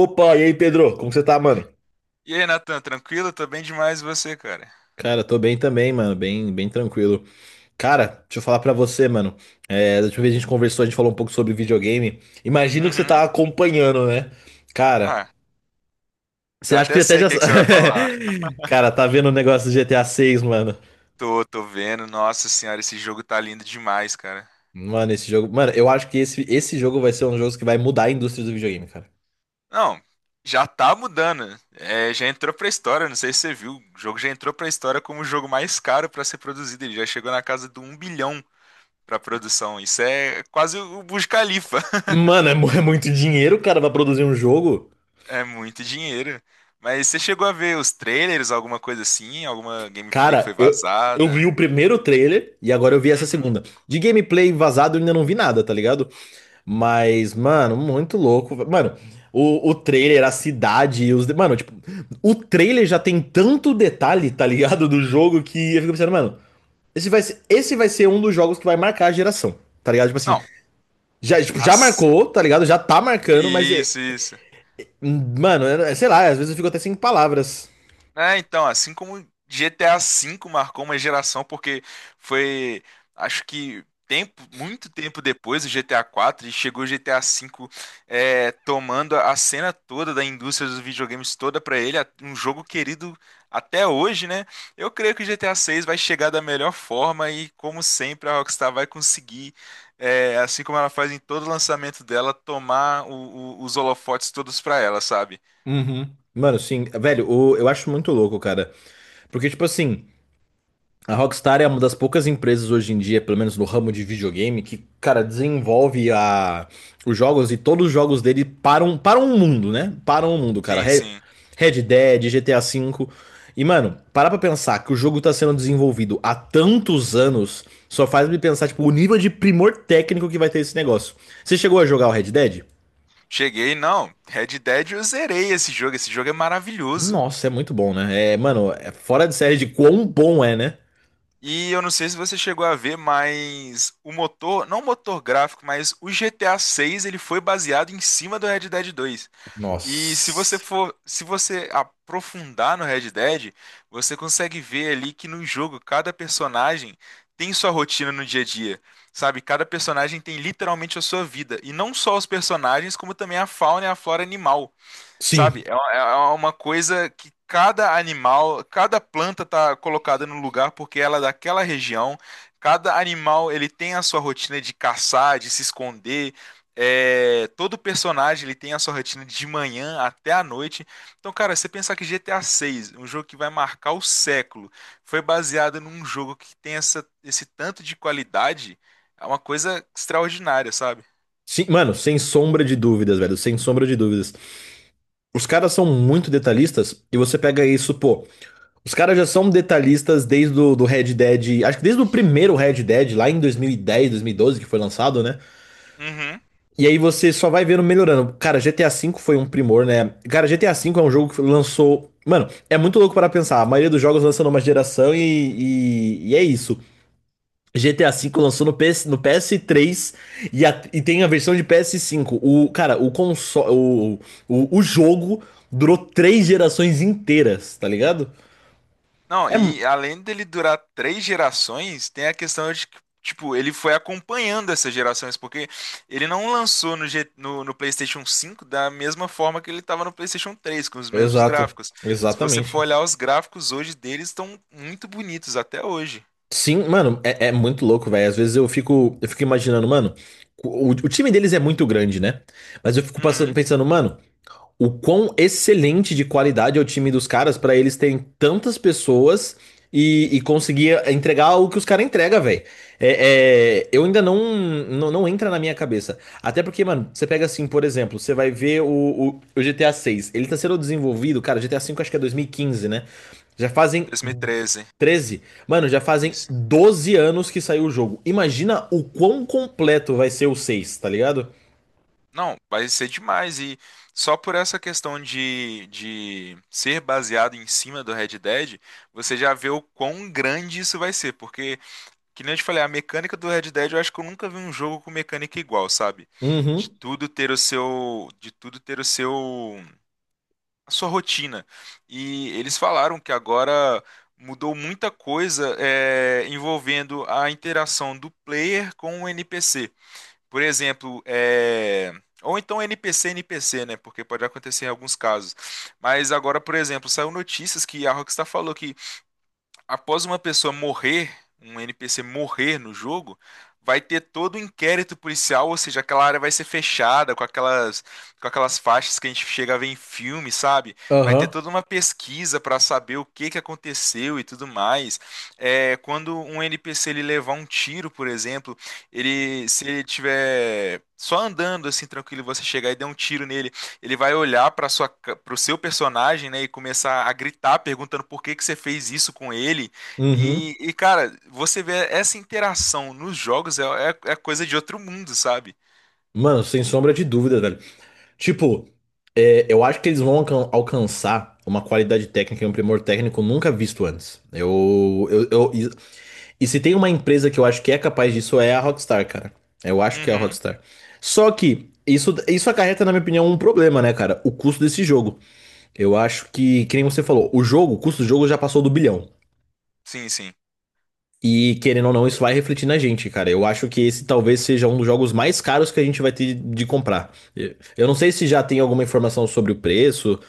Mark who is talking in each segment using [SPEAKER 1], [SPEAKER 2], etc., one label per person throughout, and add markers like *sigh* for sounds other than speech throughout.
[SPEAKER 1] Opa, e aí, Pedro? Como você tá, mano?
[SPEAKER 2] E aí, Natan, tranquilo? Tô bem demais e você, cara?
[SPEAKER 1] Cara, tô bem também, mano. Bem, bem tranquilo. Cara, deixa eu falar pra você, mano. É, da última vez que a gente conversou, a gente falou um pouco sobre videogame. Imagino que você tá
[SPEAKER 2] Uhum.
[SPEAKER 1] acompanhando, né? Cara,
[SPEAKER 2] Ah,
[SPEAKER 1] você
[SPEAKER 2] já
[SPEAKER 1] acha que
[SPEAKER 2] até
[SPEAKER 1] até
[SPEAKER 2] sei o
[SPEAKER 1] já.
[SPEAKER 2] que é que você vai falar.
[SPEAKER 1] *laughs* Cara, tá vendo o negócio do GTA 6, mano?
[SPEAKER 2] Tô vendo. Nossa senhora, esse jogo tá lindo demais, cara.
[SPEAKER 1] Mano, esse jogo. Mano, eu acho que esse jogo vai ser um jogo que vai mudar a indústria do videogame, cara.
[SPEAKER 2] Não, já tá mudando. É, já entrou pra história, não sei se você viu. O jogo já entrou pra história como o jogo mais caro pra ser produzido. Ele já chegou na casa do um bilhão pra produção. Isso é quase o Burj Khalifa. *laughs*
[SPEAKER 1] Mano, é muito dinheiro, cara, pra produzir um jogo.
[SPEAKER 2] É muito dinheiro. Mas você chegou a ver os trailers, alguma coisa assim? Alguma gameplay que foi
[SPEAKER 1] Cara, eu vi
[SPEAKER 2] vazada?
[SPEAKER 1] o primeiro trailer e agora eu vi essa
[SPEAKER 2] Uhum.
[SPEAKER 1] segunda. De gameplay vazado eu ainda não vi nada, tá ligado? Mas, mano, muito louco. Mano, o trailer, a cidade, mano, tipo, o trailer já tem tanto detalhe, tá ligado? Do jogo que eu fico pensando, mano, esse vai ser um dos jogos que vai marcar a geração, tá ligado? Tipo assim,
[SPEAKER 2] Não,
[SPEAKER 1] já, tipo, já
[SPEAKER 2] as
[SPEAKER 1] marcou, tá ligado? Já tá marcando, mas,
[SPEAKER 2] Isso, isso.
[SPEAKER 1] mano, sei lá, às vezes eu fico até sem palavras.
[SPEAKER 2] É, então, assim como GTA V marcou uma geração, porque foi, acho que tempo, muito tempo depois do GTA IV, e chegou o GTA V, é, tomando a cena toda da indústria dos videogames toda pra ele, um jogo querido até hoje, né? Eu creio que o GTA VI vai chegar da melhor forma e, como sempre, a Rockstar vai conseguir, é, assim como ela faz em todo lançamento dela, tomar os holofotes todos pra ela, sabe?
[SPEAKER 1] Uhum. Mano, sim, velho, eu acho muito louco, cara. Porque, tipo assim, a Rockstar é uma das poucas empresas hoje em dia, pelo menos no ramo de videogame, que, cara, desenvolve os jogos, e todos os jogos dele param o mundo, né? Param o mundo, cara.
[SPEAKER 2] Sim, sim.
[SPEAKER 1] Red Dead, GTA V. E, mano, parar pra pensar que o jogo tá sendo desenvolvido há tantos anos só faz me pensar, tipo, o nível de primor técnico que vai ter esse negócio. Você chegou a jogar o Red Dead?
[SPEAKER 2] Cheguei, não. Red Dead eu zerei esse jogo. Esse jogo é maravilhoso.
[SPEAKER 1] Nossa, é muito bom, né? É, mano, é fora de série de quão bom é, né?
[SPEAKER 2] E eu não sei se você chegou a ver, mas o motor, não o motor gráfico, mas o GTA 6, ele foi baseado em cima do Red Dead 2. E se você
[SPEAKER 1] Nossa.
[SPEAKER 2] for, se você aprofundar no Red Dead, você consegue ver ali que no jogo cada personagem tem sua rotina no dia a dia. Sabe, cada personagem tem literalmente a sua vida, e não só os personagens, como também a fauna e a flora animal.
[SPEAKER 1] Sim.
[SPEAKER 2] Sabe? É uma coisa que cada animal, cada planta tá colocada no lugar porque ela é daquela região. Cada animal ele tem a sua rotina de caçar, de se esconder. É, todo personagem ele tem a sua rotina de manhã até a noite. Então, cara, você pensar que GTA VI, um jogo que vai marcar o século, foi baseado num jogo que tem esse tanto de qualidade, é uma coisa extraordinária, sabe?
[SPEAKER 1] Sim, mano, sem sombra de dúvidas, velho, sem sombra de dúvidas. Os caras são muito detalhistas, e você pega isso, pô. Os caras já são detalhistas desde o do Red Dead, acho que desde o primeiro Red Dead, lá em dois mil e dez, 2012, que foi lançado, né?
[SPEAKER 2] Uhum.
[SPEAKER 1] E aí você só vai vendo melhorando. Cara, GTA V foi um primor, né? Cara, GTA V é um jogo que lançou. Mano, é muito louco para pensar. A maioria dos jogos lança numa geração e é isso. GTA V lançou no PS3, e, e tem a versão de PS5. O, cara, o console. O jogo durou três gerações inteiras, tá ligado?
[SPEAKER 2] Não,
[SPEAKER 1] É. mu-
[SPEAKER 2] e além dele durar três gerações, tem a questão de que, tipo, ele foi acompanhando essas gerações, porque ele não lançou no PlayStation 5 da mesma forma que ele estava no PlayStation 3, com os mesmos
[SPEAKER 1] Exato.
[SPEAKER 2] gráficos. Se você for
[SPEAKER 1] Exatamente.
[SPEAKER 2] olhar os gráficos hoje deles, estão muito bonitos até hoje.
[SPEAKER 1] Sim, mano, é, é muito louco, velho. Às vezes eu fico imaginando, mano. O time deles é muito grande, né? Mas eu fico passando,
[SPEAKER 2] Uhum,
[SPEAKER 1] pensando, mano, o quão excelente de qualidade é o time dos caras pra eles terem tantas pessoas e conseguir entregar o que os caras entregam, velho. É, eu ainda não, não entra na minha cabeça. Até porque, mano, você pega assim, por exemplo, você vai ver o GTA 6. Ele tá sendo desenvolvido, cara. GTA 5 acho que é 2015, né? Já fazem
[SPEAKER 2] 2013,
[SPEAKER 1] 13. Mano, já fazem
[SPEAKER 2] isso.
[SPEAKER 1] 12 anos que saiu o jogo. Imagina o quão completo vai ser o seis, tá ligado?
[SPEAKER 2] Não, vai ser demais. E só por essa questão de ser baseado em cima do Red Dead, você já vê o quão grande isso vai ser, porque. Que nem eu te falei, a mecânica do Red Dead, eu acho que eu nunca vi um jogo com mecânica igual, sabe? De
[SPEAKER 1] Uhum,
[SPEAKER 2] tudo ter o seu, de tudo ter o seu, a sua rotina. E eles falaram que agora mudou muita coisa, é, envolvendo a interação do player com o NPC. Por exemplo, é, ou então NPC NPC, né? Porque pode acontecer em alguns casos. Mas agora, por exemplo, saiu notícias que a Rockstar falou que após uma pessoa morrer, um NPC morrer no jogo, vai ter todo o inquérito policial, ou seja, aquela área vai ser fechada com aquelas faixas que a gente chega a ver em filme, sabe? Vai ter
[SPEAKER 1] aham,
[SPEAKER 2] toda uma pesquisa para saber o que que aconteceu e tudo mais. É, quando um NPC ele levar um tiro, por exemplo, ele se ele tiver só andando assim tranquilo, e você chegar e der um tiro nele ele vai olhar para o seu personagem, né, e começar a gritar perguntando por que que você fez isso com ele.
[SPEAKER 1] uhum.
[SPEAKER 2] E, cara, você vê essa interação nos jogos é coisa de outro mundo, sabe?
[SPEAKER 1] Mano, sem sombra de dúvida, velho. Tipo, é, eu acho que eles vão alcançar uma qualidade técnica e um primor técnico nunca visto antes. E se tem uma empresa que eu acho que é capaz disso, é a Rockstar, cara. Eu acho que é a
[SPEAKER 2] Uhum.
[SPEAKER 1] Rockstar. Só que isso acarreta, na minha opinião, um problema, né, cara? O custo desse jogo. Eu acho que nem você falou, o jogo, o custo do jogo já passou do bilhão.
[SPEAKER 2] Sim, sim.
[SPEAKER 1] E querendo ou não, isso vai refletir na gente, cara. Eu acho que esse talvez seja um dos jogos mais caros que a gente vai ter de comprar. Eu não sei se já tem alguma informação sobre o preço,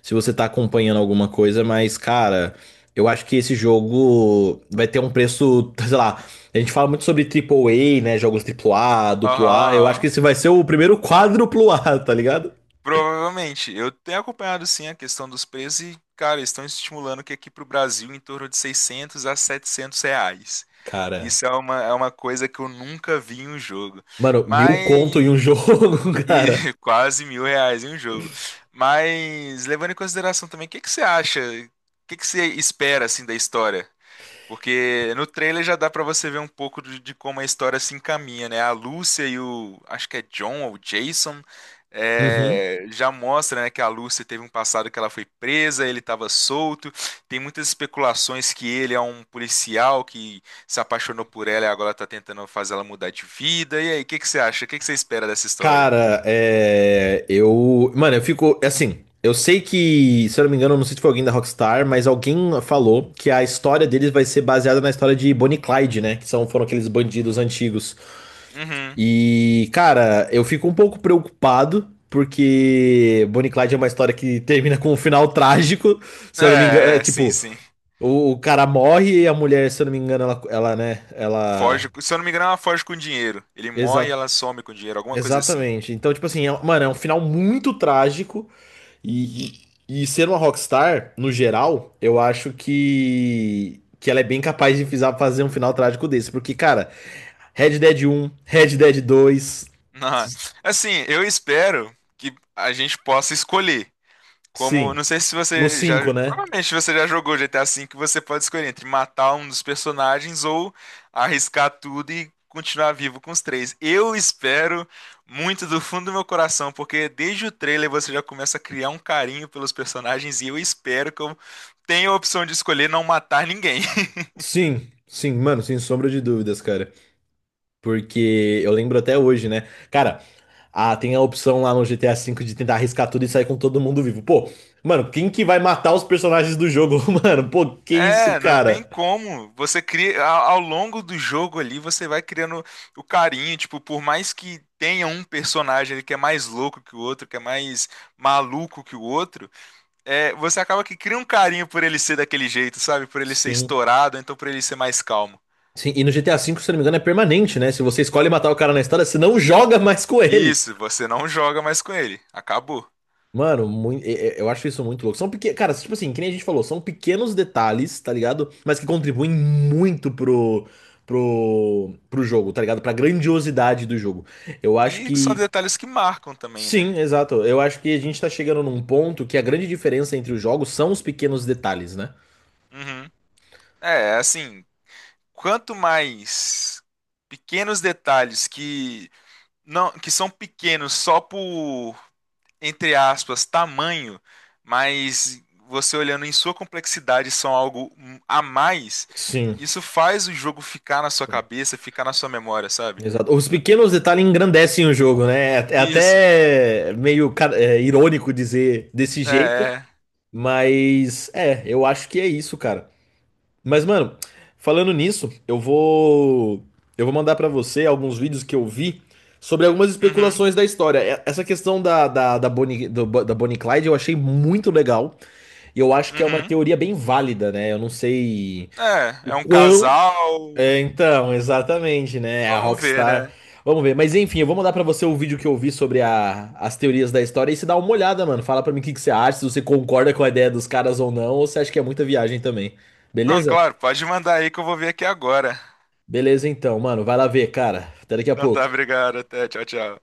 [SPEAKER 1] se você tá acompanhando alguma coisa, mas, cara, eu acho que esse jogo vai ter um preço, *laughs* sei lá. A gente fala muito sobre A, né? Jogos A, duplo
[SPEAKER 2] Aham,
[SPEAKER 1] A. Eu acho que
[SPEAKER 2] aham.
[SPEAKER 1] esse vai ser o primeiro quádruplo A, tá ligado?
[SPEAKER 2] Provavelmente. Eu tenho acompanhado sim a questão dos preços e, cara, estão estimulando que aqui para o Brasil em torno de 600 a R$ 700.
[SPEAKER 1] Cara,
[SPEAKER 2] Isso é uma coisa que eu nunca vi em um jogo.
[SPEAKER 1] mano, mil
[SPEAKER 2] Mas
[SPEAKER 1] conto em um jogo, *laughs*
[SPEAKER 2] E
[SPEAKER 1] cara.
[SPEAKER 2] *laughs* quase mil reais em um jogo. Mas levando em consideração também, o que que você acha? O que que você espera assim da história? Porque no trailer já dá pra você ver um pouco de como a história se encaminha, né? A Lúcia e o, acho que é John ou Jason,
[SPEAKER 1] Uhum.
[SPEAKER 2] é, já mostra, né, que a Lúcia teve um passado que ela foi presa, ele estava solto. Tem muitas especulações que ele é um policial que se apaixonou por ela e agora tá tentando fazer ela mudar de vida. E aí, o que que você acha? O que que você espera dessa história?
[SPEAKER 1] Cara, é, eu. Mano, eu fico. Assim, eu sei que, se eu não me engano, eu não sei se foi alguém da Rockstar, mas alguém falou que a história deles vai ser baseada na história de Bonnie e Clyde, né? Que são, foram aqueles bandidos antigos.
[SPEAKER 2] Uhum.
[SPEAKER 1] E, cara, eu fico um pouco preocupado, porque Bonnie e Clyde é uma história que termina com um final trágico. Se eu não me engano,
[SPEAKER 2] É,
[SPEAKER 1] é,
[SPEAKER 2] é, sim,
[SPEAKER 1] tipo,
[SPEAKER 2] sim.
[SPEAKER 1] o cara morre, e a mulher, se eu não me engano, ela né? Ela.
[SPEAKER 2] Foge, se eu não me engano, ela foge com dinheiro. Ele morre e
[SPEAKER 1] Exa-
[SPEAKER 2] ela some com dinheiro, alguma coisa assim. *laughs*
[SPEAKER 1] exatamente. Então, tipo assim, é- mano, é um final muito trágico. E ser uma Rockstar, no geral, eu acho que ela é bem capaz de fazer um final trágico desse. Porque, cara, Red Dead um, Red Dead dois,
[SPEAKER 2] Ah,
[SPEAKER 1] s-
[SPEAKER 2] assim, eu espero que a gente possa escolher. Como,
[SPEAKER 1] sim.
[SPEAKER 2] não sei se
[SPEAKER 1] No
[SPEAKER 2] você já,
[SPEAKER 1] cinco, né?
[SPEAKER 2] provavelmente você já jogou GTA V, que você pode escolher entre matar um dos personagens ou arriscar tudo e continuar vivo com os três. Eu espero muito do fundo do meu coração, porque desde o trailer você já começa a criar um carinho pelos personagens e eu espero que eu tenha a opção de escolher não matar ninguém. *laughs*
[SPEAKER 1] Sim, sim, mano, sem sombra de dúvidas, cara. Porque eu lembro até hoje, né? Cara, ah, tem a opção lá no GTA V de tentar arriscar tudo e sair com todo mundo vivo. Pô, mano, quem que vai matar os personagens do jogo, *laughs* mano? Pô, que isso,
[SPEAKER 2] É, não tem
[SPEAKER 1] cara?
[SPEAKER 2] como. Você cria ao longo do jogo ali, você vai criando o carinho, tipo, por mais que tenha um personagem ali que é mais louco que o outro, que é mais maluco que o outro, é, você acaba que cria um carinho por ele ser daquele jeito, sabe? Por ele ser
[SPEAKER 1] Sim.
[SPEAKER 2] estourado, ou então por ele ser mais calmo.
[SPEAKER 1] Sim, e no GTA V, se eu não me engano, é permanente, né? Se você escolhe matar o cara na história, você não joga mais com ele.
[SPEAKER 2] Isso, você não joga mais com ele. Acabou.
[SPEAKER 1] Mano, eu acho isso muito louco. São pequenos. Cara, tipo assim, que nem a gente falou, são pequenos detalhes, tá ligado? Mas que contribuem muito pro jogo, tá ligado? Pra grandiosidade do jogo. Eu acho
[SPEAKER 2] E são
[SPEAKER 1] que.
[SPEAKER 2] detalhes que marcam também, né?
[SPEAKER 1] Sim, exato. Eu acho que a gente tá chegando num ponto que a grande diferença entre os jogos são os pequenos detalhes, né?
[SPEAKER 2] Uhum. É, assim, quanto mais pequenos detalhes que não, que são pequenos só por, entre aspas, tamanho, mas você olhando em sua complexidade são algo a mais,
[SPEAKER 1] Sim.
[SPEAKER 2] isso faz o jogo ficar na sua cabeça, ficar na sua memória, sabe?
[SPEAKER 1] Exato. Os pequenos detalhes engrandecem o jogo, né? É
[SPEAKER 2] Isso.
[SPEAKER 1] até meio irônico dizer desse
[SPEAKER 2] É,
[SPEAKER 1] jeito,
[SPEAKER 2] é.
[SPEAKER 1] mas é, eu acho que é isso, cara. Mas, mano, falando nisso, eu vou mandar pra você alguns vídeos que eu vi sobre algumas
[SPEAKER 2] Uhum,
[SPEAKER 1] especulações da história. Essa questão da Bonnie, da Bonnie e Clyde eu achei muito legal, e eu acho que é uma
[SPEAKER 2] uhum.
[SPEAKER 1] teoria bem válida, né? Eu não sei
[SPEAKER 2] É,
[SPEAKER 1] o
[SPEAKER 2] é um
[SPEAKER 1] quão
[SPEAKER 2] casal.
[SPEAKER 1] é, então, exatamente, né? É a
[SPEAKER 2] Vamos ver,
[SPEAKER 1] Rockstar.
[SPEAKER 2] né?
[SPEAKER 1] Vamos ver. Mas enfim, eu vou mandar pra você o vídeo que eu vi sobre as teorias da história, e você dá uma olhada, mano. Fala pra mim o que que você acha, se você concorda com a ideia dos caras ou não, ou se acha que é muita viagem também.
[SPEAKER 2] Não,
[SPEAKER 1] Beleza?
[SPEAKER 2] claro, pode mandar aí que eu vou ver aqui agora.
[SPEAKER 1] Beleza, então, mano. Vai lá ver, cara. Até daqui a
[SPEAKER 2] Então tá,
[SPEAKER 1] pouco.
[SPEAKER 2] obrigado. Até, tchau, tchau.